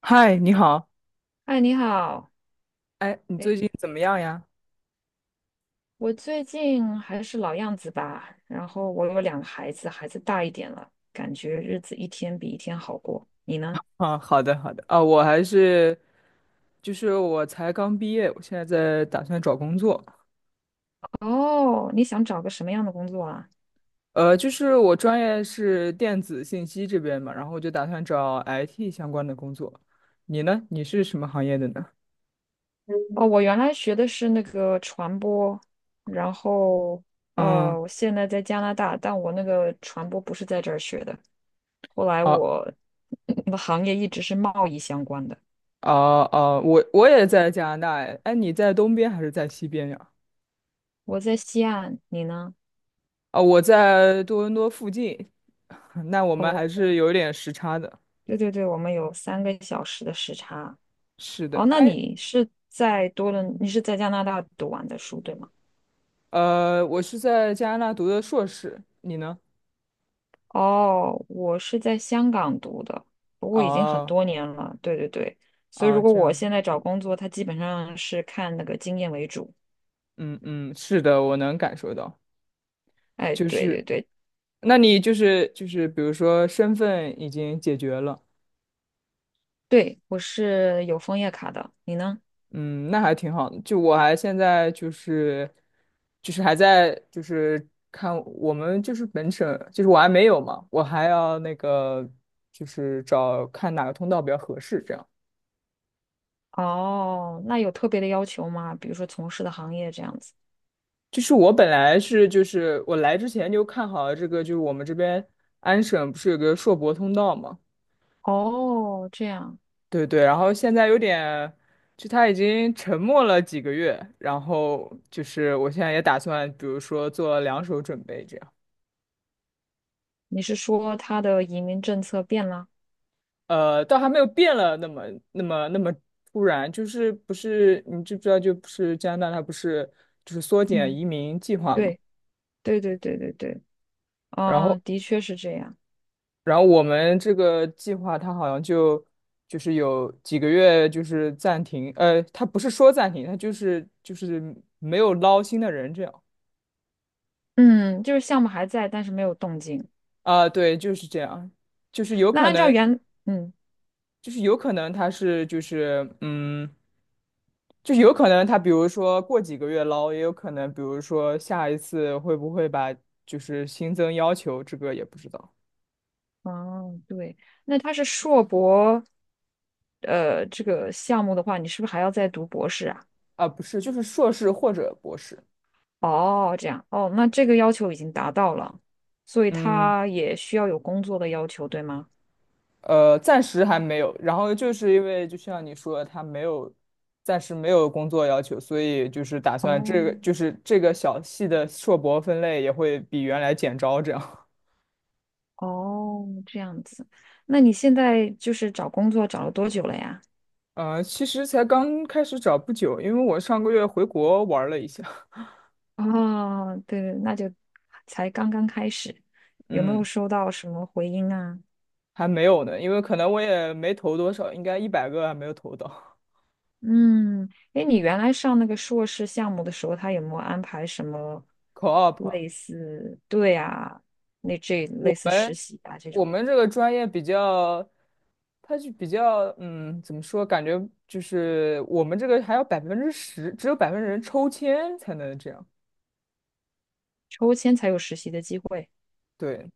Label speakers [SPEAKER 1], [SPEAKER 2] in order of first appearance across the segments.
[SPEAKER 1] 嗨，你好。
[SPEAKER 2] 哎，你好，
[SPEAKER 1] 哎，你最
[SPEAKER 2] 哎，
[SPEAKER 1] 近怎么样呀？
[SPEAKER 2] 我最近还是老样子吧。然后我有2个孩子，孩子大一点了，感觉日子一天比一天好过。你呢？
[SPEAKER 1] 啊，好的，好的。啊，我还是，就是我才刚毕业，我现在在打算找工作。
[SPEAKER 2] 哦，你想找个什么样的工作啊？
[SPEAKER 1] 就是我专业是电子信息这边嘛，然后我就打算找 IT 相关的工作。你呢？你是什么行业的呢？
[SPEAKER 2] 哦，我原来学的是那个传播，然后
[SPEAKER 1] 嗯，
[SPEAKER 2] 我现在在加拿大，但我那个传播不是在这儿学的。后来
[SPEAKER 1] 哦
[SPEAKER 2] 我 我的行业一直是贸易相关的。
[SPEAKER 1] 哦哦，我也在加拿大。哎，哎你在东边还是在西边呀？
[SPEAKER 2] 我在西岸，你呢？
[SPEAKER 1] 啊，我在多伦多附近。那我们还
[SPEAKER 2] 哦，
[SPEAKER 1] 是有点时差的。
[SPEAKER 2] 对对对，我们有3个小时的时差。
[SPEAKER 1] 是的，
[SPEAKER 2] 哦，那
[SPEAKER 1] 哎。
[SPEAKER 2] 你是在多伦，你是在加拿大读完的书，对吗？
[SPEAKER 1] 我是在加拿大读的硕士，你呢？
[SPEAKER 2] 哦，我是在香港读的，不过已经很
[SPEAKER 1] 哦
[SPEAKER 2] 多年了。对对对，所以如
[SPEAKER 1] 哦，
[SPEAKER 2] 果
[SPEAKER 1] 这
[SPEAKER 2] 我
[SPEAKER 1] 样子。
[SPEAKER 2] 现在找工作，它基本上是看那个经验为主。
[SPEAKER 1] 嗯嗯，是的，我能感受到。
[SPEAKER 2] 哎，
[SPEAKER 1] 就
[SPEAKER 2] 对对
[SPEAKER 1] 是，
[SPEAKER 2] 对
[SPEAKER 1] 那你就是，比如说身份已经解决了。
[SPEAKER 2] 对，我是有枫叶卡的，你呢？
[SPEAKER 1] 嗯，那还挺好的。就我还现在就是，还在就是看我们就是本省，就是我还没有嘛，我还要那个就是找看哪个通道比较合适，这样。
[SPEAKER 2] 哦，那有特别的要求吗？比如说从事的行业这样子？
[SPEAKER 1] 就是我本来是就是我来之前就看好了这个，就是我们这边安省不是有个硕博通道嘛？
[SPEAKER 2] 哦，这样，
[SPEAKER 1] 对对，然后现在有点，就他已经沉默了几个月，然后就是我现在也打算，比如说做两手准备这样。
[SPEAKER 2] 你是说他的移民政策变了？
[SPEAKER 1] 倒还没有变了那么突然，就是不是你知不知道，就不是加拿大它不是就是缩减
[SPEAKER 2] 嗯，
[SPEAKER 1] 移民计划嘛？
[SPEAKER 2] 对对对对对对，
[SPEAKER 1] 然后
[SPEAKER 2] 哦，的确是这样。
[SPEAKER 1] 然后我们这个计划，它好像就是有几个月就是暂停。它不是说暂停，它就是没有捞新的人这样。
[SPEAKER 2] 嗯，就是项目还在，但是没有动静。
[SPEAKER 1] 啊，对，就是这样。就是有
[SPEAKER 2] 那
[SPEAKER 1] 可
[SPEAKER 2] 按照
[SPEAKER 1] 能，
[SPEAKER 2] 原，嗯，
[SPEAKER 1] 就是有可能他是就是就是有可能他比如说过几个月捞，也有可能比如说下一次会不会把就是新增要求，这个也不知道。
[SPEAKER 2] 哦，对，那他是硕博，这个项目的话，你是不是还要再读博士啊？
[SPEAKER 1] 啊，不是，就是硕士或者博士。
[SPEAKER 2] 哦，这样，哦，那这个要求已经达到了，所以
[SPEAKER 1] 嗯。
[SPEAKER 2] 他也需要有工作的要求，对吗？
[SPEAKER 1] 暂时还没有。然后就是因为就像你说的，他没有，暂时没有工作要求，所以就是打算这
[SPEAKER 2] 哦，
[SPEAKER 1] 个就是这个小系的硕博分类也会比原来减招这样。
[SPEAKER 2] 哦，这样子。那你现在就是找工作找了多久了呀？
[SPEAKER 1] 其实才刚开始找不久，因为我上个月回国玩了一下。
[SPEAKER 2] 哦，对，那就才刚刚开始，有没有
[SPEAKER 1] 嗯，
[SPEAKER 2] 收到什么回音啊？
[SPEAKER 1] 还没有呢，因为可能我也没投多少，应该100个还没有投到。
[SPEAKER 2] 嗯，哎，你原来上那个硕士项目的时候，他有没有安排什么
[SPEAKER 1] Co-op。
[SPEAKER 2] 类似，对啊，那这
[SPEAKER 1] 我
[SPEAKER 2] 类似实
[SPEAKER 1] 们
[SPEAKER 2] 习啊这
[SPEAKER 1] 我
[SPEAKER 2] 种
[SPEAKER 1] 们这个专业比较，它就比较，怎么说？感觉就是我们这个还要10%，只有百分之人抽签才能这样。
[SPEAKER 2] 抽签才有实习的机会？
[SPEAKER 1] 对。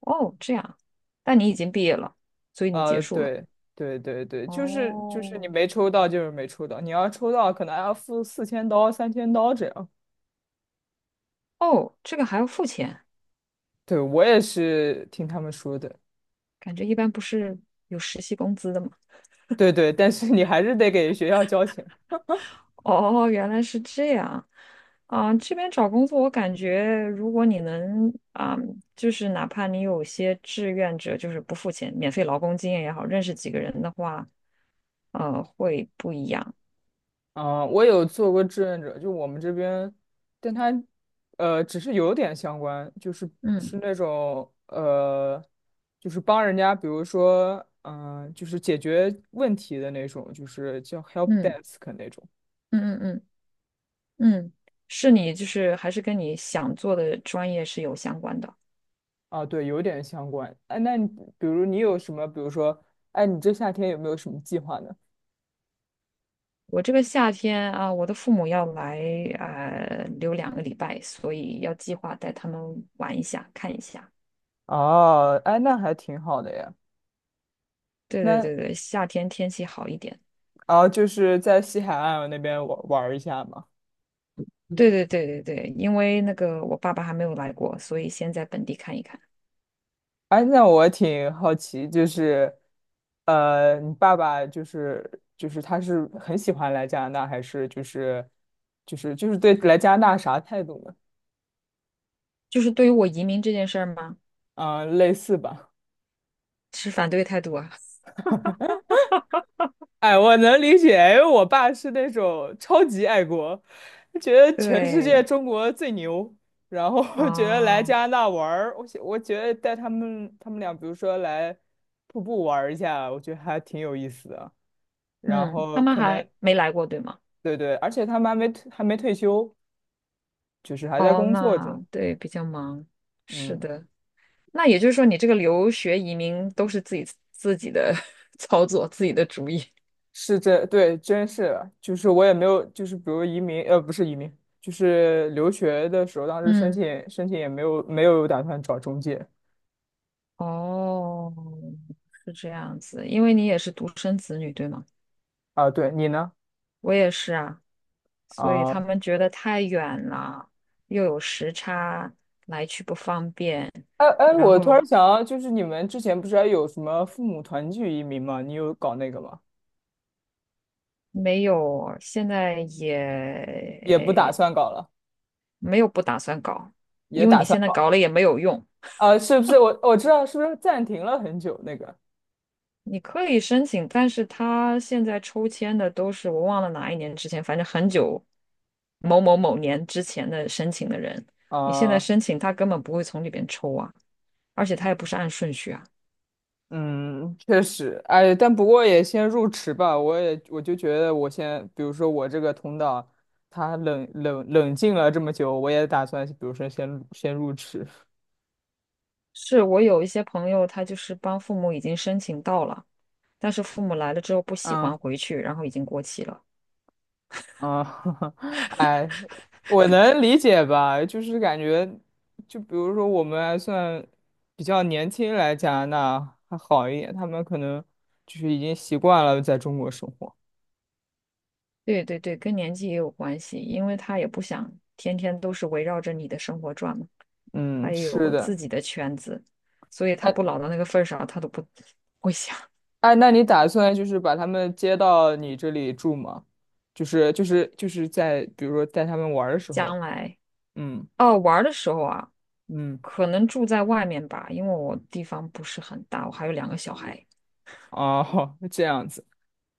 [SPEAKER 2] 哦，这样，但你已经毕业了，所以你结束了。
[SPEAKER 1] 对，对对对，就是你
[SPEAKER 2] 哦，
[SPEAKER 1] 没抽到就是没抽到，你要抽到可能还要付4000刀、3000刀这样。
[SPEAKER 2] 哦，这个还要付钱，
[SPEAKER 1] 对，我也是听他们说的。
[SPEAKER 2] 感觉一般不是有实习工资的吗？
[SPEAKER 1] 对对，但是你还是得给学校交钱。
[SPEAKER 2] 哦，原来是这样。啊，这边找工作，我感觉如果你能啊，就是哪怕你有些志愿者，就是不付钱，免费劳工经验也好，认识几个人的话，会不一样。
[SPEAKER 1] 啊，我有做过志愿者，就我们这边，但他只是有点相关，就是是
[SPEAKER 2] 嗯
[SPEAKER 1] 那种就是帮人家，比如说，就是解决问题的那种，就是叫 help
[SPEAKER 2] 嗯
[SPEAKER 1] desk 那种。
[SPEAKER 2] 嗯嗯嗯嗯，是你就是还是跟你想做的专业是有相关的。
[SPEAKER 1] 啊，对，有点相关。哎，比如你有什么，比如说，哎，你这夏天有没有什么计划呢？
[SPEAKER 2] 我这个夏天啊，我的父母要来留2个礼拜，所以要计划带他们玩一下，看一下。
[SPEAKER 1] 哦，哎，那还挺好的呀。
[SPEAKER 2] 对对
[SPEAKER 1] 那
[SPEAKER 2] 对对，夏天天气好一点。
[SPEAKER 1] 啊，就是在西海岸那边玩玩一下嘛。
[SPEAKER 2] 对对对对对，因为那个我爸爸还没有来过，所以先在本地看一看。
[SPEAKER 1] 哎，那我挺好奇，就是，你爸爸就是他是很喜欢来加拿大，还是就是对来加拿大啥态度呢？
[SPEAKER 2] 就是对于我移民这件事儿吗？
[SPEAKER 1] 嗯，类似吧。
[SPEAKER 2] 持反对态度啊。
[SPEAKER 1] 哎，我能理解，因为我爸是那种超级爱国，觉得全世界
[SPEAKER 2] 对，
[SPEAKER 1] 中国最牛，然后 觉得来
[SPEAKER 2] 哦，
[SPEAKER 1] 加拿大玩儿，我觉得带他们俩，比如说来瀑布玩儿一下，我觉得还挺有意思的。然
[SPEAKER 2] 嗯，他
[SPEAKER 1] 后
[SPEAKER 2] 们
[SPEAKER 1] 可能
[SPEAKER 2] 还没来过，对吗？
[SPEAKER 1] 对对，而且他们还没退休，就是还在
[SPEAKER 2] 哦，
[SPEAKER 1] 工作
[SPEAKER 2] 那
[SPEAKER 1] 中。
[SPEAKER 2] 对，比较忙。是
[SPEAKER 1] 嗯，
[SPEAKER 2] 的，那也就是说，你这个留学移民都是自己自己的 操作，自己的主意
[SPEAKER 1] 是这，对，真是的就是我也没有，就是比如移民，不是移民，就是留学的时候，当 时申
[SPEAKER 2] 嗯，
[SPEAKER 1] 请申请也没有打算找中介
[SPEAKER 2] 哦，是这样子，因为你也是独生子女，对吗？
[SPEAKER 1] 啊。对你呢？
[SPEAKER 2] 我也是啊。所以
[SPEAKER 1] 啊，
[SPEAKER 2] 他们觉得太远了，又有时差，来去不方便，
[SPEAKER 1] 哎哎，
[SPEAKER 2] 然
[SPEAKER 1] 我突
[SPEAKER 2] 后
[SPEAKER 1] 然想到，就是你们之前不是还有什么父母团聚移民吗？你有搞那个吗？
[SPEAKER 2] 没有，现在
[SPEAKER 1] 也不打
[SPEAKER 2] 也
[SPEAKER 1] 算搞了，
[SPEAKER 2] 没有不打算搞，
[SPEAKER 1] 也
[SPEAKER 2] 因为
[SPEAKER 1] 打
[SPEAKER 2] 你
[SPEAKER 1] 算
[SPEAKER 2] 现在
[SPEAKER 1] 搞
[SPEAKER 2] 搞了也没有用。
[SPEAKER 1] 啊？是不是？我知道，是不是暂停了很久那个
[SPEAKER 2] 你可以申请，但是他现在抽签的都是我忘了哪一年之前，反正很久，某某某年之前的申请的人，你现在
[SPEAKER 1] 啊？
[SPEAKER 2] 申请他根本不会从里边抽啊，而且他也不是按顺序啊。
[SPEAKER 1] 嗯，确实。哎，但不过也先入池吧。我就觉得，我先，比如说我这个同党，他冷静了这么久，我也打算，比如说先入池。
[SPEAKER 2] 是我有一些朋友，他就是帮父母已经申请到了，但是父母来了之后不喜
[SPEAKER 1] 嗯
[SPEAKER 2] 欢回去，然后已经过期了。
[SPEAKER 1] 嗯。哎，我能理解吧？就是感觉，就比如说我们还算比较年轻来加拿大还好一点，他们可能就是已经习惯了在中国生活。
[SPEAKER 2] 对对对，跟年纪也有关系，因为他也不想天天都是围绕着你的生活转嘛，他
[SPEAKER 1] 嗯，
[SPEAKER 2] 也
[SPEAKER 1] 是
[SPEAKER 2] 有
[SPEAKER 1] 的。
[SPEAKER 2] 自己的圈子，所以他
[SPEAKER 1] 哎。
[SPEAKER 2] 不老到那个份儿上，他都不会想
[SPEAKER 1] 哎，那你打算就是把他们接到你这里住吗？就是在比如说带他们玩儿的时候，
[SPEAKER 2] 将来
[SPEAKER 1] 嗯
[SPEAKER 2] 哦玩儿的时候啊，
[SPEAKER 1] 嗯，
[SPEAKER 2] 可能住在外面吧，因为我地方不是很大，我还有2个小孩。
[SPEAKER 1] 哦，这样子。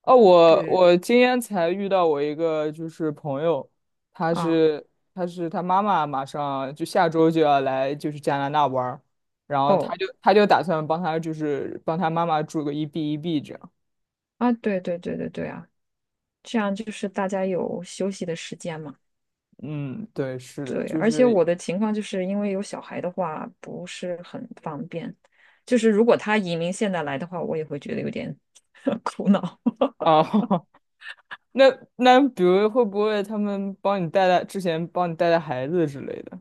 [SPEAKER 1] 哦，我
[SPEAKER 2] 对
[SPEAKER 1] 我今天才遇到我一个就是朋友，他
[SPEAKER 2] 啊，
[SPEAKER 1] 是他妈妈马上就下周就要来就是加拿大玩儿，然后他
[SPEAKER 2] 哦
[SPEAKER 1] 就他就打算帮他妈妈住个一 B 一 B 这样。
[SPEAKER 2] 啊，对对对对对啊。这样就是大家有休息的时间嘛。
[SPEAKER 1] 嗯，对，是的，
[SPEAKER 2] 对，
[SPEAKER 1] 就
[SPEAKER 2] 而且
[SPEAKER 1] 是
[SPEAKER 2] 我的情况就是因为有小孩的话不是很方便，就是如果他移民现在来的话，我也会觉得有点 苦恼。
[SPEAKER 1] 啊。那那比如会不会他们帮你带带之前帮你带带孩子之类的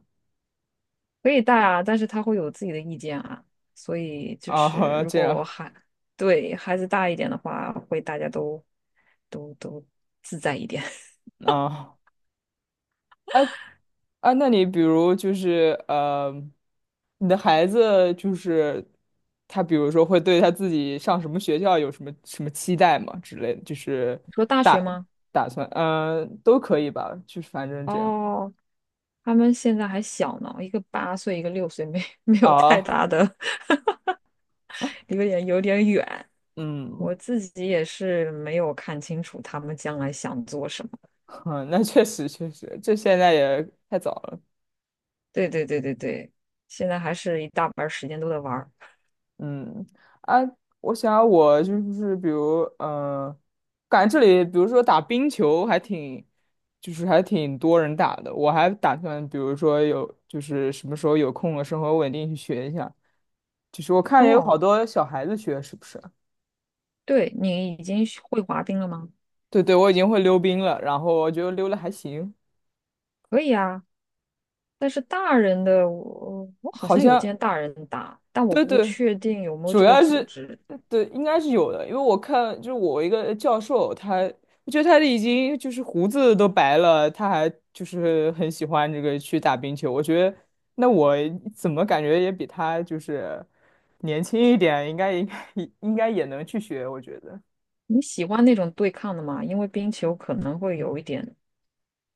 [SPEAKER 2] 可以带啊，但是他会有自己的意见啊，所以就
[SPEAKER 1] 啊？
[SPEAKER 2] 是
[SPEAKER 1] 好像
[SPEAKER 2] 如
[SPEAKER 1] 这
[SPEAKER 2] 果我
[SPEAKER 1] 样
[SPEAKER 2] 孩对孩子大一点的话，会大家都都自在一点。
[SPEAKER 1] 啊啊啊！那你比如就是你的孩子就是他，比如说会对他自己上什么学校有什么什么期待吗？之类的，就是
[SPEAKER 2] 你说大学
[SPEAKER 1] 打
[SPEAKER 2] 吗？
[SPEAKER 1] 打算都可以吧，就是反正这样
[SPEAKER 2] 哦。他们现在还小呢，一个8岁，一个6岁，没 没有太
[SPEAKER 1] 啊
[SPEAKER 2] 大的，有点有点远。
[SPEAKER 1] 嗯，
[SPEAKER 2] 我自己也是没有看清楚他们将来想做什么。
[SPEAKER 1] 哼那确实确实，这现在也太早了。
[SPEAKER 2] 对对对对对，现在还是一大半儿时间都在玩儿。
[SPEAKER 1] 嗯啊，我想我就是比如，感觉这里比如说打冰球还挺，就是还挺多人打的。我还打算，比如说有就是什么时候有空了，生活稳定去学一下。就是我看也有
[SPEAKER 2] 哦，
[SPEAKER 1] 好多小孩子学，是不是？
[SPEAKER 2] 对，你已经学会滑冰了吗？
[SPEAKER 1] 对对，我已经会溜冰了，然后我觉得溜了还行，
[SPEAKER 2] 可以啊，但是大人的我好
[SPEAKER 1] 好
[SPEAKER 2] 像有
[SPEAKER 1] 像
[SPEAKER 2] 见大人打，但我
[SPEAKER 1] 对
[SPEAKER 2] 不
[SPEAKER 1] 对，
[SPEAKER 2] 确定有没有
[SPEAKER 1] 主
[SPEAKER 2] 这个
[SPEAKER 1] 要
[SPEAKER 2] 组
[SPEAKER 1] 是
[SPEAKER 2] 织。
[SPEAKER 1] 对，应该是有的，因为我看就是我一个教授，我觉得他已经就是胡子都白了，他还就是很喜欢这个去打冰球。我觉得那我怎么感觉也比他就是年轻一点，应该也能去学，我觉得
[SPEAKER 2] 你喜欢那种对抗的吗？因为冰球可能会有一点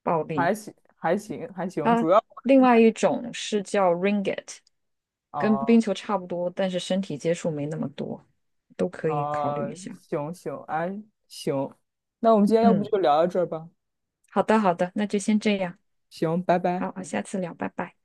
[SPEAKER 2] 暴力。
[SPEAKER 1] 还行还行还行，
[SPEAKER 2] 啊，
[SPEAKER 1] 主要
[SPEAKER 2] 另外一种是叫 ringgit，跟冰
[SPEAKER 1] 哦
[SPEAKER 2] 球差不多，但是身体接触没那么多，都可以考虑一
[SPEAKER 1] 哦
[SPEAKER 2] 下。
[SPEAKER 1] 行行哎行，那我们今天要不
[SPEAKER 2] 嗯，
[SPEAKER 1] 就聊到这儿吧，
[SPEAKER 2] 好的好的，那就先这样，
[SPEAKER 1] 行，拜拜。
[SPEAKER 2] 好，下次聊，拜拜。